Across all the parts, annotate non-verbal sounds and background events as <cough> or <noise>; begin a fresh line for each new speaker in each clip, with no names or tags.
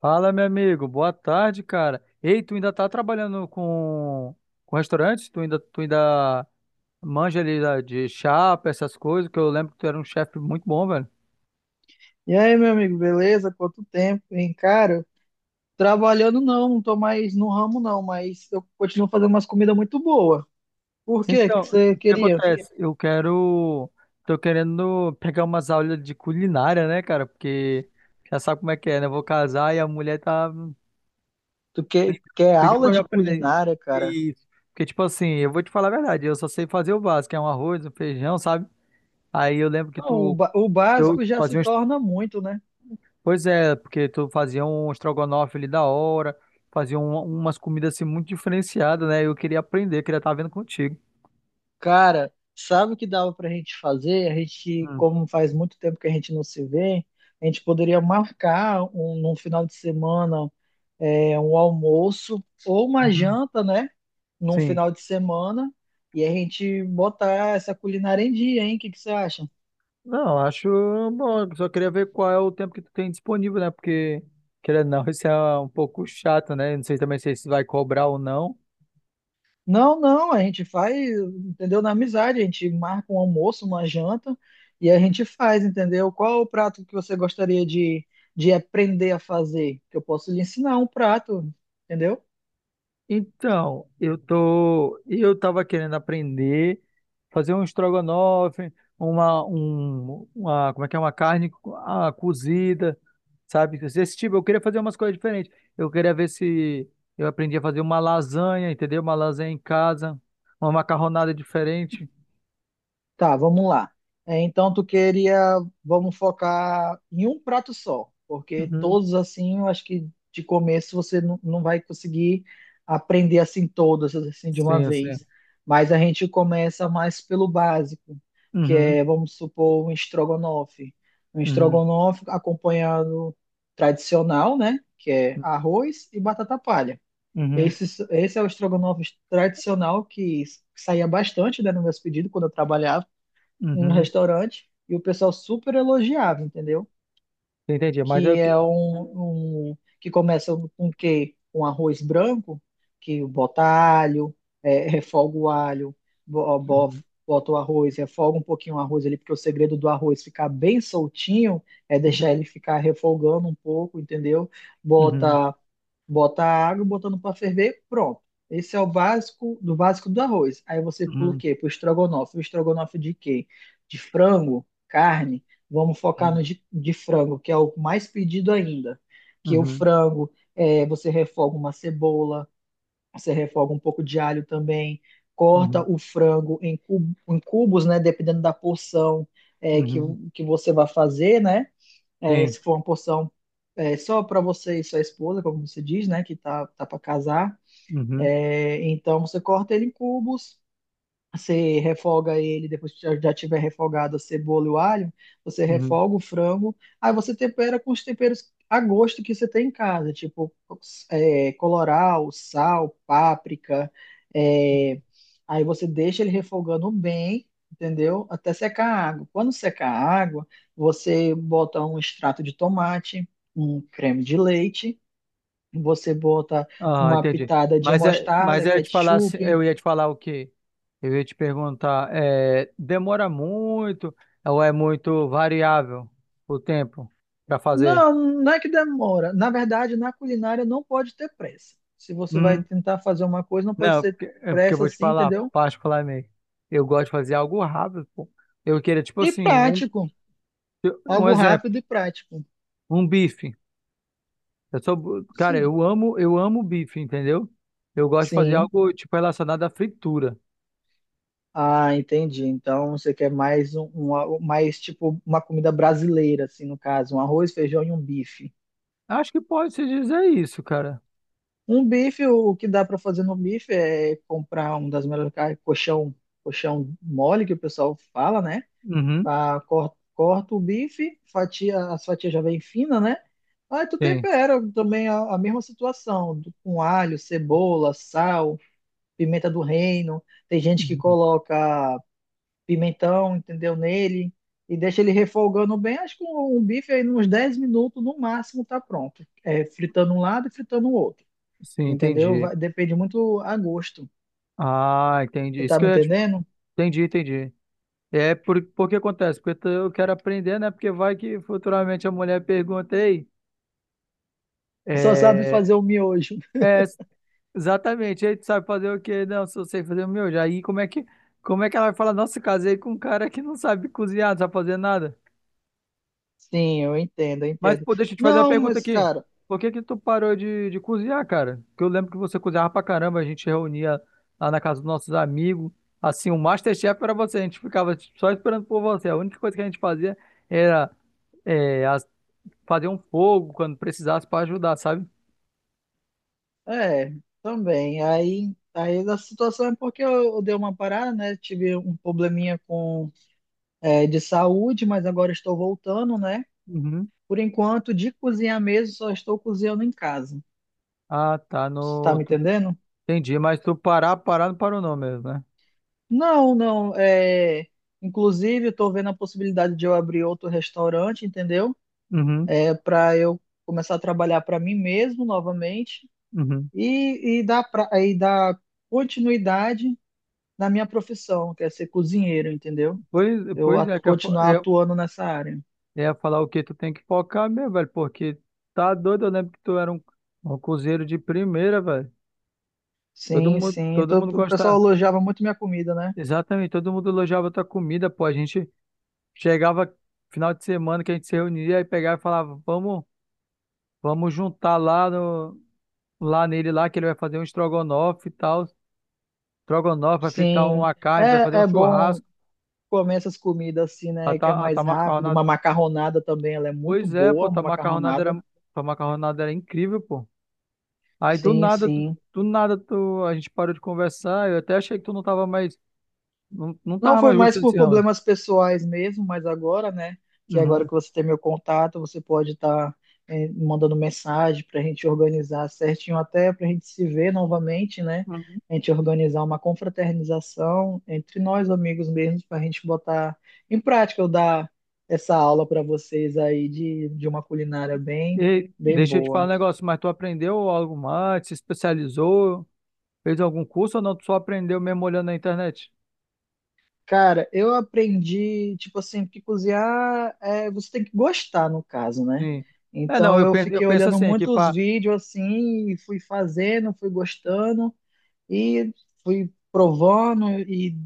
Fala, meu amigo. Boa tarde, cara. Ei, tu ainda tá trabalhando com restaurante? Tu ainda manja ali de chapa, essas coisas, que eu lembro que tu era um chefe muito bom, velho.
E aí, meu amigo, beleza? Quanto tempo, hein? Cara, trabalhando não tô mais no ramo não, mas eu continuo fazendo umas comidas muito boas. Por quê?
Então,
Que você
o que
queria?
acontece? Eu quero. Tô querendo pegar umas aulas de culinária, né, cara? Porque já sabe como é que é, né? Eu vou casar e a mulher tá
Tu quer
pedindo
aula
pra eu
de
aprender.
culinária, cara?
Isso. Porque, tipo assim, eu vou te falar a verdade, eu só sei fazer o básico, que é um arroz, um feijão, sabe? Aí eu lembro que
Não, o,
tu.
o
Eu
básico já se
fazia um
torna muito, né?
pois é, porque tu fazia um estrogonofe ali da hora, fazia umas comidas assim muito diferenciadas, né? Eu queria aprender, queria estar vendo contigo.
Cara, sabe o que dava pra gente fazer? A gente,
Hum.
como faz muito tempo que a gente não se vê, a gente poderia marcar um, num final de semana um almoço ou uma
Uhum.
janta, né? Num
Sim.
final de semana e a gente botar essa culinária em dia, hein? O que que você acha?
Não, acho bom, eu só queria ver qual é o tempo que tu tem disponível, né? Porque, querendo ou não, <laughs> isso é um pouco chato, né? Não sei também se isso vai cobrar ou não.
Não, a gente faz, entendeu? Na amizade, a gente marca um almoço, uma janta e a gente faz, entendeu? Qual é o prato que você gostaria de aprender a fazer? Que eu posso lhe ensinar um prato, entendeu?
Então, eu tava querendo aprender fazer um estrogonofe, como é que é, uma carne cozida, sabe? Esse tipo, eu queria fazer umas coisas diferentes. Eu queria ver se eu aprendi a fazer uma lasanha, entendeu? Uma lasanha em casa, uma macarronada diferente.
Tá, vamos lá. É, então tu queria, vamos focar em um prato só, porque
Uhum.
todos assim, eu acho que de começo você não vai conseguir aprender assim todas assim de uma
Sim, sim.
vez. Mas a gente começa mais pelo básico, que
Uhum,
é, vamos supor, um estrogonofe. Um
uhum,
estrogonofe acompanhado tradicional, né? Que é arroz e batata palha.
uhum,
Esse, esse é o estrogonofe tradicional que saía bastante, né, no meus pedidos quando eu trabalhava um
uhum.
restaurante e o pessoal super elogiava, entendeu?
Entendi, mas
Que
eu...
é um, que começa com quê? Com arroz branco, que bota alho, é, refoga o alho, bo- bo-
Uhum,
bota o arroz, refoga um pouquinho o arroz ali, porque o segredo do arroz ficar bem soltinho é deixar
uhum,
ele ficar refogando um pouco, entendeu?
uhum,
Bota Bota a água, botando para ferver, pronto. Esse é o básico do arroz. Aí você pula o
uhum,
quê? Pro estrogonofe. O estrogonofe de quê? De frango, carne. Vamos focar
uhum,
no de frango, que é o mais pedido ainda. Que o
uhum,
frango, é, você refoga uma cebola, você refoga um pouco de alho também,
uhum.
corta o frango em, em cubos, né? Dependendo da porção é,
Uhum.
que você vai fazer, né? É,
Sim.
se for uma porção é, só para você e sua esposa, como você diz, né, que tá para casar,
Uhum,
é, então você corta ele em cubos. Você refoga ele, depois que já tiver refogado a cebola e o alho, você
uhum.
refoga o frango, aí você tempera com os temperos a gosto que você tem em casa, tipo é, colorau, sal, páprica, é, aí você deixa ele refogando bem, entendeu? Até secar a água. Quando secar a água, você bota um extrato de tomate, um creme de leite, você bota
Ah,
uma
entendi.
pitada de
Mas, é,
mostarda,
mas eu ia te falar,
ketchup,
eu ia te falar o quê? Eu ia te perguntar, é, demora muito ou é muito variável o tempo para fazer?
Não é que demora. Na verdade, na culinária não pode ter pressa. Se você vai
Uhum.
tentar fazer uma coisa, não pode
Não,
ser
porque, é porque eu
pressa
vou te
assim,
falar,
entendeu?
particularmente, eu gosto de fazer algo rápido, pô. Eu queria, tipo
E
assim,
prático.
um
Algo
exemplo,
rápido e prático.
um bife. Eu sou, cara,
Sim.
eu amo bife, entendeu? Eu gosto de fazer
Sim.
algo, tipo, relacionado à fritura.
Ah, entendi. Então você quer mais um, mais tipo uma comida brasileira, assim, no caso, um arroz, feijão e um bife.
Acho que pode se dizer isso, cara.
Um bife, o que dá para fazer no bife é comprar um das melhores carnes, coxão, coxão mole que o pessoal fala, né?
Uhum,
Ah, corta o bife, fatia, as fatias já vem fina, né? Aí tu
sim.
tempera também a mesma situação, com alho, cebola, sal, pimenta do reino. Tem gente que
Uhum.
coloca pimentão, entendeu, nele e deixa ele refogando bem. Acho que o bife aí nos 10 minutos no máximo tá pronto. É, fritando um lado e fritando o outro,
Sim,
entendeu?
entendi.
Depende muito a gosto.
Ah, entendi.
Você
Isso
tá
que
me
eu ia
entendendo?
entendi, entendi. É por que acontece? Porque eu quero aprender, né? Porque vai que futuramente a mulher pergunta, ei,
Só sabe
é,
fazer o miojo.
é, exatamente, aí tu sabe fazer o quê? Não, só sei fazer o meu. Já aí como é que ela vai falar, nossa, casei com um cara que não sabe cozinhar, não sabe fazer nada?
<laughs> Sim, eu
Mas,
entendo.
pô, deixa eu te fazer uma
Não,
pergunta
mas,
aqui.
cara,
Por que que tu parou de cozinhar, cara? Porque eu lembro que você cozinhava pra caramba, a gente reunia lá na casa dos nossos amigos. Assim, o MasterChef era você, a gente ficava só esperando por você. A única coisa que a gente fazia era é, as- fazer um fogo quando precisasse pra ajudar, sabe?
é, também. Aí a situação é porque eu dei uma parada, né? Tive um probleminha com é, de saúde, mas agora estou voltando, né?
Uhum.
Por enquanto, de cozinhar mesmo, só estou cozinhando em casa.
Ah, tá,
Você tá
no...
me
tu-
entendendo?
entendi, mas tu parar não parou não mesmo, né?
Não. É, inclusive, estou vendo a possibilidade de eu abrir outro restaurante, entendeu?
Uhum,
É para eu começar a trabalhar para mim mesmo novamente
uhum.
e dar pra, e dar continuidade na minha profissão, que é ser cozinheiro, entendeu?
Pois,
Eu
pois é que eu,
continuar atuando nessa área.
é falar o que tu tem que focar mesmo, velho, porque tá doido, eu lembro que tu era um, um cozinheiro de primeira, velho.
Sim, sim.
Todo
Então,
mundo
o
gostava,
pessoal elogiava muito minha comida, né?
exatamente, todo mundo elogiava tua comida, pô. A gente chegava final de semana que a gente se reunia e pegava e falava, vamos, vamos juntar lá no, lá nele lá que ele vai fazer um estrogonofe e tal. Estrogonofe, vai fritar
Sim.
uma carne, vai fazer
É,
um
é bom
churrasco.
comer essas comidas assim, né? Que é
A tua
mais rápido.
macarronada,
Uma macarronada também, ela é muito
pois é,
boa,
pô,
uma macarronada.
tua macarronada era incrível, pô. Aí do
Sim,
nada,
sim.
do nada tu, a gente parou de conversar. Eu até achei que tu não tava mais, não
Não
tava
foi
mais
mais
gostando
por
desse ramo.
problemas pessoais mesmo, mas agora, né? Que agora
Uhum.
que você tem meu contato, você pode estar mandando mensagem para a gente organizar certinho, até para a gente se ver novamente, né?
Uhum.
A gente organizar uma confraternização entre nós, amigos mesmo, para a gente botar em prática. Eu dar essa aula para vocês aí de uma culinária bem,
E
bem
deixa eu te falar um
boa.
negócio, mas tu aprendeu algo mais? Se especializou? Fez algum curso ou não? Tu só aprendeu mesmo olhando na internet?
Cara, eu aprendi, tipo assim, que cozinhar é, você tem que gostar, no caso, né?
Sim. É, não,
Então eu
eu
fiquei
penso
olhando
assim, aqui
muitos
para
vídeos assim, e fui fazendo, fui gostando e fui provando e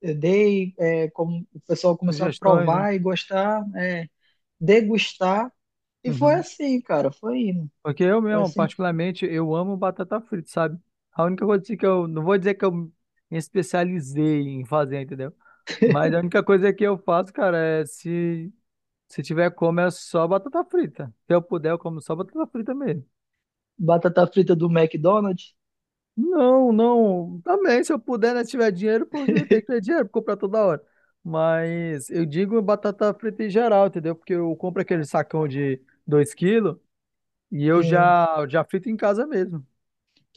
dei, é, como o pessoal começou a
sugestões, né?
provar e gostar, é, degustar. E foi
Uhum.
assim, cara, foi indo.
Porque eu
Foi
mesmo,
assim que
particularmente, eu amo batata frita, sabe? A única coisa assim que eu, não vou dizer que eu me especializei em fazer, entendeu? Mas a única coisa que eu faço, cara, é se tiver como, é só batata frita. Se eu puder, eu como só batata frita mesmo.
batata frita do McDonald's,
Não, não, também, se eu puder, né, se tiver dinheiro, porque eu tenho
<laughs>
que ter dinheiro pra comprar toda hora. Mas eu digo batata frita em geral, entendeu? Porque eu compro aquele sacão de 2 quilos e eu
sim.
já frito em casa mesmo.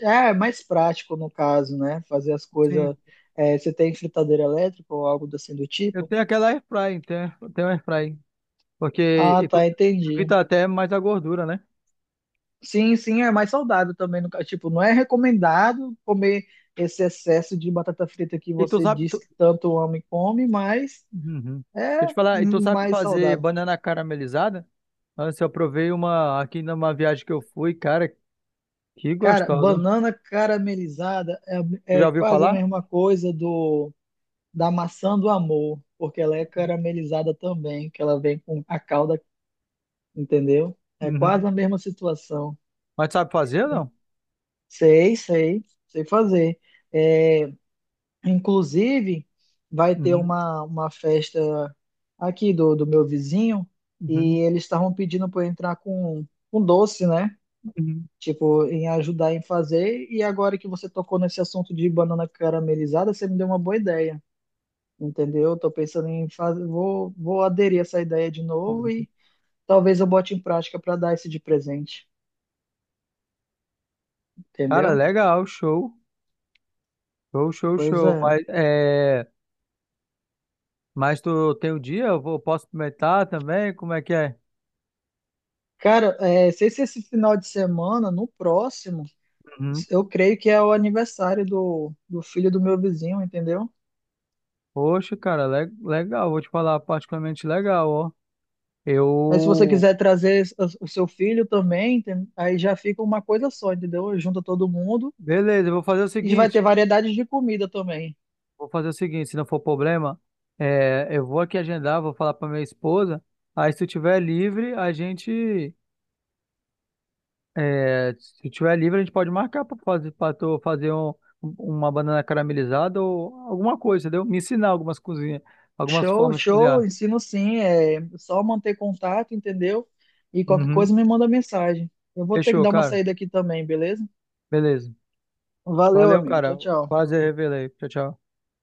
É mais prático no caso, né? Fazer as
Sim.
coisas. É, você tem fritadeira elétrica ou algo assim do
Eu
tipo?
tenho aquela airfry, tenho airfry. Porque
Ah, tá, entendi.
evita até mais a gordura, né?
Sim, é mais saudável também. No, tipo, não é recomendado comer esse excesso de batata frita que
E tu
você
sabe.
diz
Tu...
que tanto ama e come, mas
Uhum. Deixa eu
é
te falar, e tu sabe
mais
fazer
saudável.
banana caramelizada? Antes eu provei uma aqui numa viagem que eu fui, cara, que
Cara,
gostosa.
banana caramelizada
Tu
é,
já
é
ouviu
quase a
falar?
mesma coisa do da maçã do amor, porque ela é caramelizada também, que ela vem com a calda entendeu? É
Uhum.
quase a mesma situação.
Mas sabe fazer ou
E
não?
Sei fazer. É, inclusive, vai ter
Uhum,
uma festa aqui do, do meu vizinho
uhum,
e eles estavam pedindo para eu entrar com doce, né?
uhum,
Tipo, em ajudar em fazer. E agora que você tocou nesse assunto de banana caramelizada, você me deu uma boa ideia, entendeu? Tô pensando em fazer, vou aderir a essa ideia de novo
uhum.
e talvez eu bote em prática para dar esse de presente,
Cara,
entendeu?
legal, show. Show, show,
Pois
show.
é.
Mas, é... Mas tu tem o dia? Posso experimentar também? Como é que é?
Cara, é, sei se esse final de semana, no próximo,
Uhum.
eu creio que é o aniversário do, do filho do meu vizinho, entendeu?
Poxa, cara, legal, vou te falar, particularmente legal, ó.
Aí se você
Eu.
quiser trazer o seu filho também, aí já fica uma coisa só, entendeu? Junta todo mundo
Beleza, eu vou fazer o
e vai ter
seguinte.
variedade de comida também.
Vou fazer o seguinte, se não for problema, é, eu vou aqui agendar, vou falar pra minha esposa. Aí se tu tiver livre, a gente. É, se tu tiver livre, a gente pode marcar pra fazer, pra tu fazer uma banana caramelizada ou alguma coisa, entendeu? Me ensinar algumas cozinhas, algumas formas de cozinhar.
Ensino sim, é só manter contato, entendeu? E qualquer
Uhum.
coisa me manda mensagem. Eu vou ter que
Fechou,
dar uma
cara.
saída aqui também, beleza?
Beleza.
Valeu,
Valeu,
amigo. Tchau,
cara.
tchau.
Prazer revelar aí. Tchau, tchau.